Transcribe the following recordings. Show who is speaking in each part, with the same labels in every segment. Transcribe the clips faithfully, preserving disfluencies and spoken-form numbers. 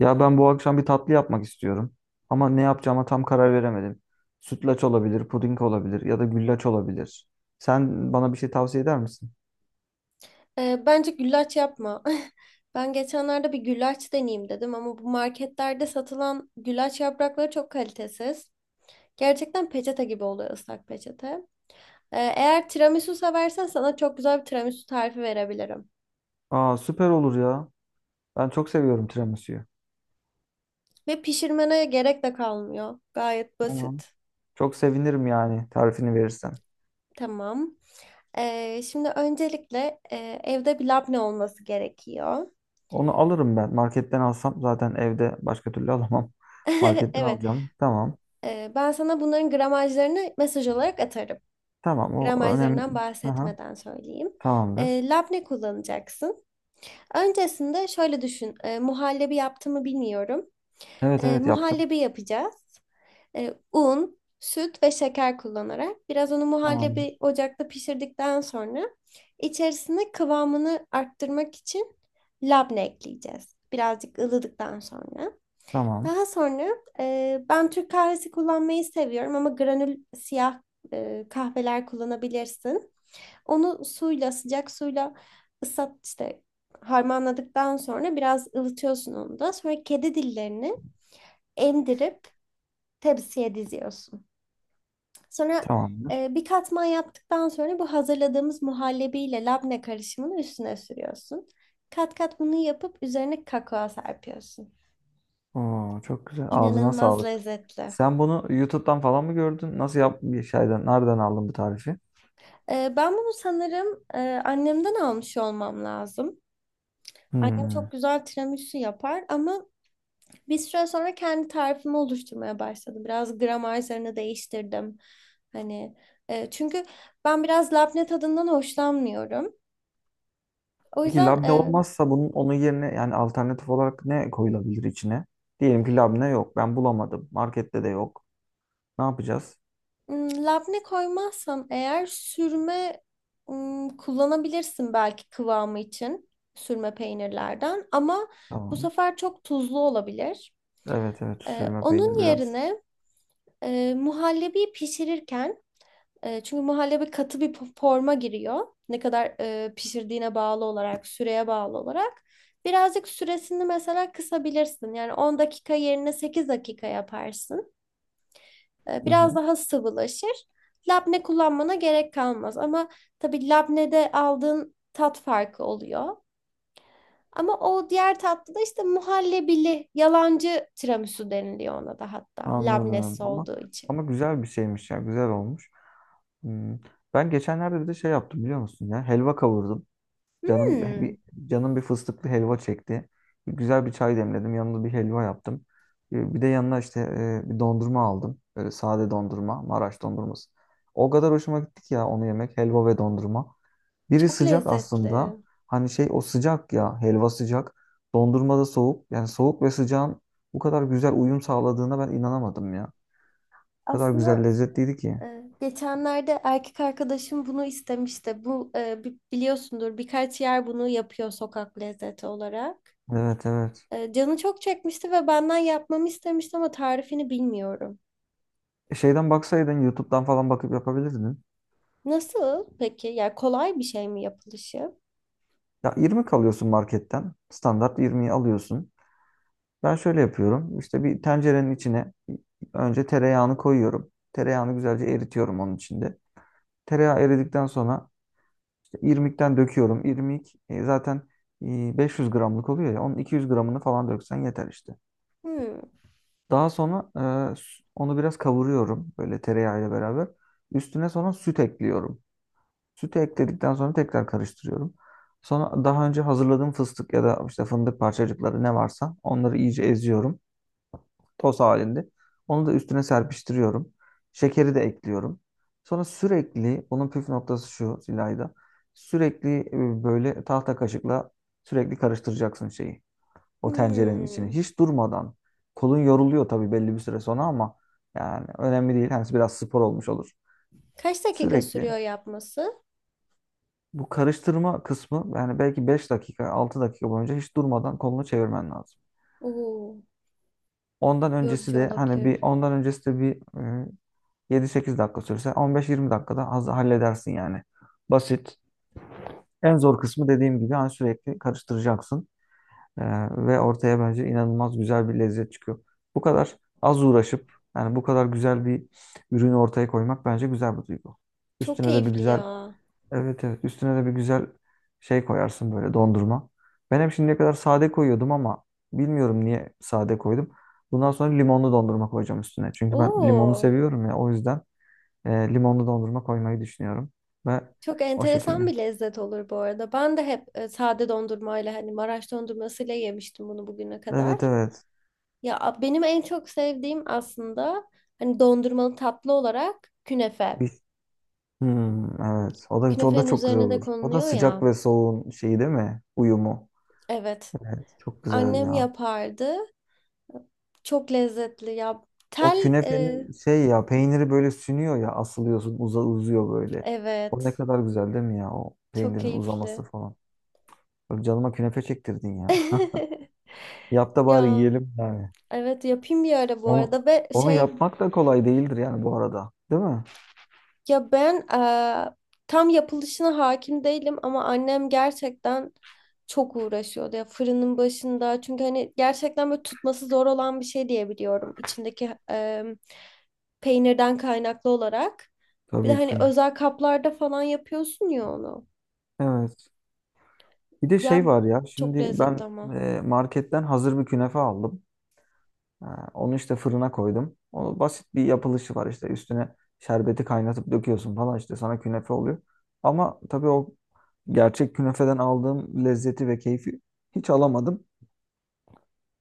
Speaker 1: Ya ben bu akşam bir tatlı yapmak istiyorum. Ama ne yapacağıma tam karar veremedim. Sütlaç olabilir, puding olabilir ya da güllaç olabilir. Sen bana bir şey tavsiye eder misin?
Speaker 2: Ee, bence güllaç yapma. Ben geçenlerde bir güllaç deneyeyim dedim ama bu marketlerde satılan güllaç yaprakları çok kalitesiz. Gerçekten peçete gibi oluyor ıslak peçete. Ee, eğer tiramisu seversen sana çok güzel bir tiramisu tarifi verebilirim.
Speaker 1: Aa, süper olur ya. Ben çok seviyorum tiramisu'yu.
Speaker 2: Ve pişirmene gerek de kalmıyor. Gayet
Speaker 1: Tamam.
Speaker 2: basit.
Speaker 1: Çok sevinirim yani tarifini verirsen.
Speaker 2: Tamam. Ee, şimdi öncelikle e, evde bir labne olması gerekiyor.
Speaker 1: Onu alırım ben. Marketten alsam zaten evde başka türlü alamam. Marketten
Speaker 2: Evet.
Speaker 1: alacağım. Tamam.
Speaker 2: Ee, ben sana bunların gramajlarını mesaj olarak atarım.
Speaker 1: Tamam, o önemli.
Speaker 2: Gramajlarından
Speaker 1: Aha,
Speaker 2: bahsetmeden söyleyeyim. E,
Speaker 1: tamamdır.
Speaker 2: labne kullanacaksın. Öncesinde şöyle düşün. E, muhallebi yaptığımı bilmiyorum.
Speaker 1: Evet
Speaker 2: E,
Speaker 1: evet, yaptım.
Speaker 2: muhallebi yapacağız. E, un, süt ve şeker kullanarak biraz onu muhallebi
Speaker 1: Tamamdır.
Speaker 2: ocakta pişirdikten sonra içerisine kıvamını arttırmak için labne ekleyeceğiz. Birazcık ılıdıktan sonra.
Speaker 1: Tamam.
Speaker 2: Daha sonra e, ben Türk kahvesi kullanmayı seviyorum ama granül siyah e, kahveler kullanabilirsin. Onu suyla, sıcak suyla ıslat işte harmanladıktan sonra biraz ılıtıyorsun onu da. Sonra kedi dillerini emdirip tepsiye diziyorsun. Sonra
Speaker 1: Tamamdır.
Speaker 2: e, bir katman yaptıktan sonra bu hazırladığımız muhallebiyle labne karışımını üstüne sürüyorsun. Kat kat bunu yapıp üzerine kakao serpiyorsun.
Speaker 1: Oo, çok güzel. Ağzına
Speaker 2: İnanılmaz
Speaker 1: sağlık.
Speaker 2: lezzetli.
Speaker 1: Sen bunu YouTube'dan falan mı gördün? Nasıl yap bir şeyden, nereden aldın bu tarifi?
Speaker 2: E, ben bunu sanırım e, annemden almış olmam lazım. Annem
Speaker 1: Hmm.
Speaker 2: çok güzel tiramisu yapar ama bir süre sonra kendi tarifimi oluşturmaya başladım. Biraz gramerlerini değiştirdim. Hani e, çünkü ben biraz labne tadından hoşlanmıyorum. O
Speaker 1: Peki
Speaker 2: yüzden
Speaker 1: labne
Speaker 2: e,
Speaker 1: olmazsa bunun onun yerine yani alternatif olarak ne koyulabilir içine? Diyelim ki labne yok. Ben bulamadım. Markette de yok. Ne yapacağız?
Speaker 2: m, labne koymazsam eğer sürme m, kullanabilirsin belki kıvamı için sürme peynirlerden ama bu
Speaker 1: Tamam.
Speaker 2: sefer çok tuzlu olabilir.
Speaker 1: Evet evet,
Speaker 2: E,
Speaker 1: sürme
Speaker 2: onun
Speaker 1: peynir biraz.
Speaker 2: yerine e, muhallebi pişirirken E, çünkü muhallebi katı bir po- forma giriyor. Ne kadar e, pişirdiğine bağlı olarak, süreye bağlı olarak. Birazcık süresini mesela kısabilirsin. Yani on dakika yerine sekiz dakika yaparsın. E,
Speaker 1: Hı
Speaker 2: biraz
Speaker 1: hı.
Speaker 2: daha sıvılaşır. Labne kullanmana gerek kalmaz. Ama tabii labnede aldığın tat farkı oluyor. Ama o diğer tatlı da işte muhallebili, yalancı tiramisu deniliyor ona da hatta.
Speaker 1: Anladım.
Speaker 2: Labnesi
Speaker 1: Ama
Speaker 2: olduğu için.
Speaker 1: ama güzel bir şeymiş ya. Güzel olmuş. Hmm. Ben geçenlerde bir de şey yaptım biliyor musun ya? Helva kavurdum. Canım
Speaker 2: Hmm,
Speaker 1: bir canım bir fıstıklı helva çekti. Bir güzel bir çay demledim. Yanında bir helva yaptım. Ee, Bir de yanına işte e, bir dondurma aldım. Böyle sade dondurma, Maraş dondurması. O kadar hoşuma gitti ki ya, onu yemek, helva ve dondurma. Biri
Speaker 2: çok
Speaker 1: sıcak aslında.
Speaker 2: lezzetli.
Speaker 1: Hani şey, o sıcak ya, helva sıcak. Dondurma da soğuk. Yani soğuk ve sıcağın bu kadar güzel uyum sağladığına ben inanamadım ya. O kadar güzel
Speaker 2: Aslında
Speaker 1: lezzetliydi ki.
Speaker 2: Ee, geçenlerde erkek arkadaşım bunu istemişti. Bu e, bi- biliyorsundur birkaç yer bunu yapıyor sokak lezzeti olarak.
Speaker 1: Evet evet.
Speaker 2: E, Canı çok çekmişti ve benden yapmamı istemişti ama tarifini bilmiyorum.
Speaker 1: E, Şeyden baksaydın YouTube'dan falan bakıp yapabilirdin.
Speaker 2: Nasıl peki? Yani kolay bir şey mi yapılışı?
Speaker 1: Ya yirmi kalıyorsun marketten. Standart yirmiyi alıyorsun. Ben şöyle yapıyorum. İşte bir tencerenin içine önce tereyağını koyuyorum. Tereyağını güzelce eritiyorum onun içinde. Tereyağı eridikten sonra işte irmikten döküyorum. İrmik e, zaten e, beş yüz gramlık oluyor ya. Onun iki yüz gramını falan döksen yeter işte.
Speaker 2: Hmm.
Speaker 1: Daha sonra e, s- onu biraz kavuruyorum böyle tereyağıyla beraber. Üstüne sonra süt ekliyorum. Sütü ekledikten sonra tekrar karıştırıyorum. Sonra daha önce hazırladığım fıstık ya da işte fındık parçacıkları ne varsa onları iyice eziyorum. Toz halinde. Onu da üstüne serpiştiriyorum. Şekeri de ekliyorum. Sonra sürekli, bunun püf noktası şu Zilayda. Sürekli e, böyle tahta kaşıkla sürekli karıştıracaksın şeyi. O tencerenin içini.
Speaker 2: Hmm.
Speaker 1: Hiç durmadan. Kolun yoruluyor tabii belli bir süre sonra ama yani önemli değil. Hani biraz spor olmuş olur.
Speaker 2: Kaç dakika
Speaker 1: Sürekli.
Speaker 2: sürüyor yapması?
Speaker 1: Bu karıştırma kısmı yani belki beş dakika altı dakika boyunca hiç durmadan kolunu çevirmen lazım.
Speaker 2: Oo,
Speaker 1: Ondan öncesi
Speaker 2: yorucu
Speaker 1: de hani bir
Speaker 2: olabilir.
Speaker 1: ondan öncesi de bir e, yedi sekiz dakika sürse on beş yirmi dakikada az halledersin yani. Basit. En zor kısmı dediğim gibi hani sürekli karıştıracaksın. E, ve ortaya bence inanılmaz güzel bir lezzet çıkıyor. Bu kadar az uğraşıp yani bu kadar güzel bir ürünü ortaya koymak bence güzel bir duygu.
Speaker 2: Çok
Speaker 1: Üstüne de bir
Speaker 2: keyifli
Speaker 1: güzel
Speaker 2: ya.
Speaker 1: evet evet, üstüne de bir güzel şey koyarsın böyle, dondurma. Ben hep şimdiye kadar sade koyuyordum ama bilmiyorum niye sade koydum. Bundan sonra limonlu dondurma koyacağım üstüne. Çünkü ben limonu
Speaker 2: Oo,
Speaker 1: seviyorum ya, o yüzden e, limonlu dondurma koymayı düşünüyorum. Ve
Speaker 2: çok
Speaker 1: o
Speaker 2: enteresan
Speaker 1: şekilde.
Speaker 2: bir lezzet olur bu arada. Ben de hep e, sade dondurmayla hani Maraş dondurmasıyla yemiştim bunu bugüne
Speaker 1: Evet
Speaker 2: kadar.
Speaker 1: evet.
Speaker 2: Ya a- benim en çok sevdiğim aslında hani dondurmalı tatlı olarak künefe.
Speaker 1: Bir... Hmm, evet. O da, o da
Speaker 2: Künefenin
Speaker 1: çok güzel
Speaker 2: üzerine de
Speaker 1: olur. O da
Speaker 2: konuluyor
Speaker 1: sıcak
Speaker 2: ya.
Speaker 1: ve soğuğun şeyi değil mi? Uyumu.
Speaker 2: Evet.
Speaker 1: Evet, çok güzel
Speaker 2: Annem
Speaker 1: ya.
Speaker 2: yapardı. Çok lezzetli ya.
Speaker 1: O
Speaker 2: Tel e,
Speaker 1: künefenin şey, ya peyniri böyle sünüyor ya, asılıyorsun, uza, uzuyor böyle. O ne
Speaker 2: evet.
Speaker 1: kadar güzel değil mi ya, o
Speaker 2: Çok
Speaker 1: peynirin uzaması
Speaker 2: keyifli.
Speaker 1: falan. Böyle canıma künefe çektirdin ya. Yap da bari
Speaker 2: Ya,
Speaker 1: yiyelim yani.
Speaker 2: evet yapayım bir ara bu
Speaker 1: Onu
Speaker 2: arada ve
Speaker 1: onu
Speaker 2: şey,
Speaker 1: yapmak da kolay değildir yani bu arada. Değil mi?
Speaker 2: ya ben eee, tam yapılışına hakim değilim ama annem gerçekten çok uğraşıyordu ya fırının başında çünkü hani gerçekten böyle tutması zor olan bir şey diye biliyorum içindeki eee, peynirden kaynaklı olarak. Bir de
Speaker 1: Tabii
Speaker 2: hani
Speaker 1: ki.
Speaker 2: özel kaplarda falan yapıyorsun ya onu.
Speaker 1: Evet. Bir de şey
Speaker 2: Ya
Speaker 1: var ya,
Speaker 2: çok
Speaker 1: şimdi
Speaker 2: lezzetli
Speaker 1: ben
Speaker 2: ama.
Speaker 1: e, marketten hazır bir künefe aldım. Ha, onu işte fırına koydum. Onu basit bir yapılışı var, işte üstüne şerbeti kaynatıp döküyorsun falan, işte sana künefe oluyor. Ama tabii o gerçek künefeden aldığım lezzeti ve keyfi hiç alamadım.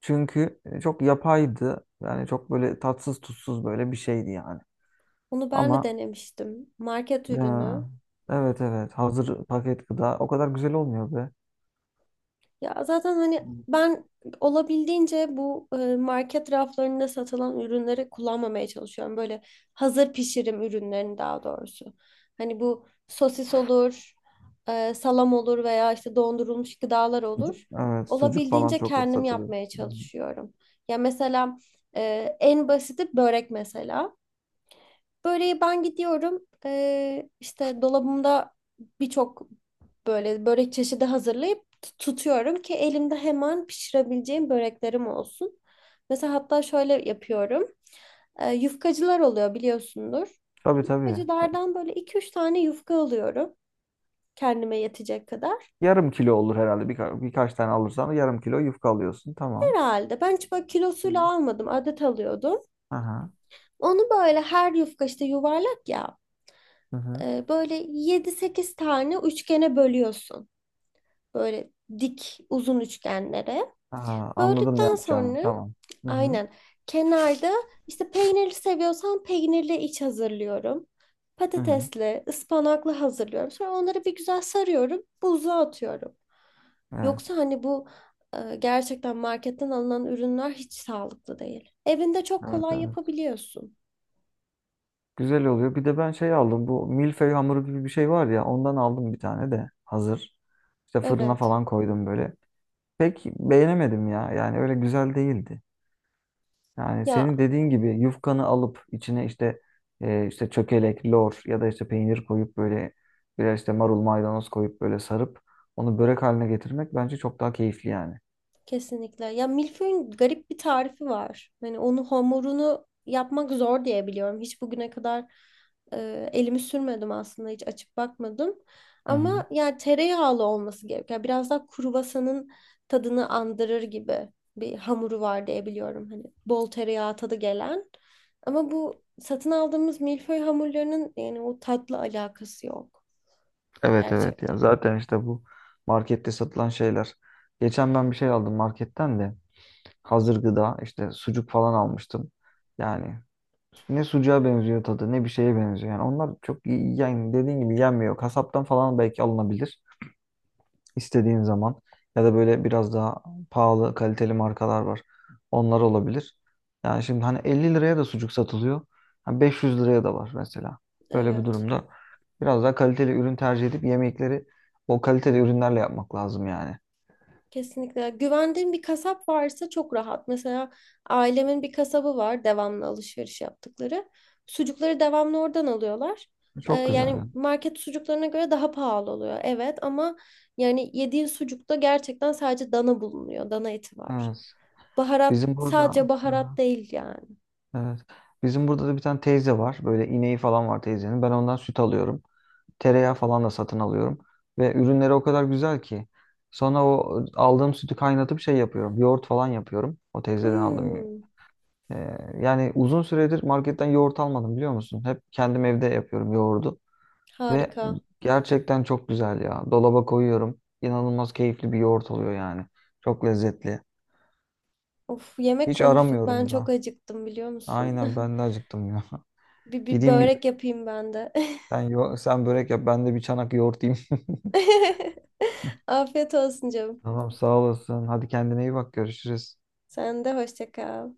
Speaker 1: Çünkü e, çok yapaydı. Yani çok böyle tatsız tutsuz böyle bir şeydi yani.
Speaker 2: Onu ben de
Speaker 1: Ama
Speaker 2: denemiştim. Market
Speaker 1: e,
Speaker 2: ürünü.
Speaker 1: evet evet, hazır paket gıda o kadar güzel olmuyor be.
Speaker 2: Ya zaten hani ben olabildiğince bu e, market raflarında satılan ürünleri kullanmamaya çalışıyorum. Böyle hazır pişirim ürünlerini daha doğrusu. Hani bu sosis olur, e, salam olur veya işte dondurulmuş gıdalar
Speaker 1: Sucuk,
Speaker 2: olur.
Speaker 1: evet sucuk falan
Speaker 2: Olabildiğince
Speaker 1: çok
Speaker 2: kendim
Speaker 1: satılıyor.
Speaker 2: yapmaya
Speaker 1: Hı hı.
Speaker 2: çalışıyorum. Ya mesela, e, en basiti börek mesela. Böreği ben gidiyorum. Ee, işte dolabımda birçok böyle börek çeşidi hazırlayıp t- tutuyorum ki elimde hemen pişirebileceğim böreklerim olsun. Mesela hatta şöyle yapıyorum. Ee, yufkacılar oluyor biliyorsundur.
Speaker 1: Tabii tabii.
Speaker 2: Yufkacılardan böyle iki üç tane yufka alıyorum. Kendime yetecek kadar.
Speaker 1: Yarım kilo olur herhalde. Birka birkaç tane alırsan yarım kilo yufka alıyorsun. Tamam.
Speaker 2: Herhalde. Ben hiç böyle kilosuyla
Speaker 1: Hı.
Speaker 2: almadım. Adet alıyordum.
Speaker 1: Aha.
Speaker 2: Onu böyle her yufka işte yuvarlak ya.
Speaker 1: Hı hı.
Speaker 2: e, Böyle yedi sekiz tane üçgene bölüyorsun. Böyle dik uzun üçgenlere.
Speaker 1: Aha, anladım ne
Speaker 2: Böldükten
Speaker 1: yapacağını.
Speaker 2: sonra
Speaker 1: Tamam. Hı hı.
Speaker 2: aynen kenarda işte peynirli seviyorsan peynirli iç hazırlıyorum.
Speaker 1: Hı hı.
Speaker 2: Patatesli, ıspanaklı hazırlıyorum. Sonra onları bir güzel sarıyorum, buzluğa atıyorum. Yoksa
Speaker 1: Evet.
Speaker 2: hani bu e, gerçekten marketten alınan ürünler hiç sağlıklı değil. Evinde çok
Speaker 1: Evet,
Speaker 2: kolay
Speaker 1: evet.
Speaker 2: yapabiliyorsun.
Speaker 1: Güzel oluyor. Bir de ben şey aldım. Bu milföy hamuru gibi bir şey var ya. Ondan aldım bir tane de. Hazır. İşte fırına
Speaker 2: Evet.
Speaker 1: falan koydum böyle. Pek beğenemedim ya. Yani öyle güzel değildi. Yani senin
Speaker 2: Ya,
Speaker 1: dediğin gibi yufkanı alıp içine işte e, işte çökelek, lor ya da işte peynir koyup böyle biraz işte marul maydanoz koyup böyle sarıp onu börek haline getirmek bence çok daha keyifli yani.
Speaker 2: kesinlikle. Ya milföyün garip bir tarifi var. Hani onu hamurunu yapmak zor diye biliyorum. Hiç bugüne kadar e, elimi sürmedim aslında. Hiç açıp bakmadım.
Speaker 1: Hı hı.
Speaker 2: Ama yani tereyağlı olması gerekiyor. Yani biraz daha kruvasanın tadını andırır gibi bir hamuru var diye biliyorum. Hani bol tereyağı tadı gelen. Ama bu satın aldığımız milföy hamurlarının yani o tatla alakası yok.
Speaker 1: Evet evet, ya
Speaker 2: Gerçekten.
Speaker 1: zaten işte bu markette satılan şeyler. Geçen ben bir şey aldım marketten de hazır gıda işte sucuk falan almıştım. Yani ne sucuğa benziyor tadı ne bir şeye benziyor. Yani onlar çok iyi- yani dediğin gibi yenmiyor. Kasaptan falan belki alınabilir. İstediğin zaman ya da böyle biraz daha pahalı kaliteli markalar var. Onlar olabilir. Yani şimdi hani elli liraya da sucuk satılıyor. Hani beş yüz liraya da var mesela. Böyle bir
Speaker 2: Evet.
Speaker 1: durumda biraz daha kaliteli ürün tercih edip yemekleri o kaliteli ürünlerle yapmak lazım yani.
Speaker 2: Kesinlikle. Güvendiğim bir kasap varsa çok rahat. Mesela ailemin bir kasabı var devamlı alışveriş yaptıkları. Sucukları devamlı oradan alıyorlar. Ee,
Speaker 1: Çok güzel,
Speaker 2: yani
Speaker 1: yani.
Speaker 2: market sucuklarına göre daha pahalı oluyor. Evet ama yani yediğin sucukta gerçekten sadece dana bulunuyor. Dana eti var.
Speaker 1: Evet.
Speaker 2: Baharat
Speaker 1: Bizim
Speaker 2: sadece
Speaker 1: burada hı
Speaker 2: baharat
Speaker 1: hı,
Speaker 2: değil yani.
Speaker 1: evet. Bizim burada da bir tane teyze var. Böyle ineği falan var teyzenin. Ben ondan süt alıyorum. Tereyağı falan da satın alıyorum. Ve ürünleri o kadar güzel ki. Sonra o aldığım sütü kaynatıp şey yapıyorum. Yoğurt falan yapıyorum. O teyzeden aldığım.
Speaker 2: Hmm,
Speaker 1: e, Yani uzun süredir marketten yoğurt almadım biliyor musun? Hep kendim evde yapıyorum yoğurdu. Ve
Speaker 2: harika.
Speaker 1: gerçekten çok güzel ya. Dolaba koyuyorum. İnanılmaz keyifli bir yoğurt oluyor yani. Çok lezzetli.
Speaker 2: Of, yemek
Speaker 1: Hiç
Speaker 2: konuştuk. Ben
Speaker 1: aramıyorum
Speaker 2: çok
Speaker 1: da.
Speaker 2: acıktım biliyor musun?
Speaker 1: Aynen, ben de acıktım ya.
Speaker 2: Bir, bir
Speaker 1: Gideyim bir
Speaker 2: börek yapayım ben de.
Speaker 1: sen, yo- sen börek yap, ben de bir çanak yoğurt yiyeyim.
Speaker 2: Afiyet olsun canım.
Speaker 1: Tamam, sağ olasın. Hadi kendine iyi bak, görüşürüz.
Speaker 2: Sen de hoşça kal.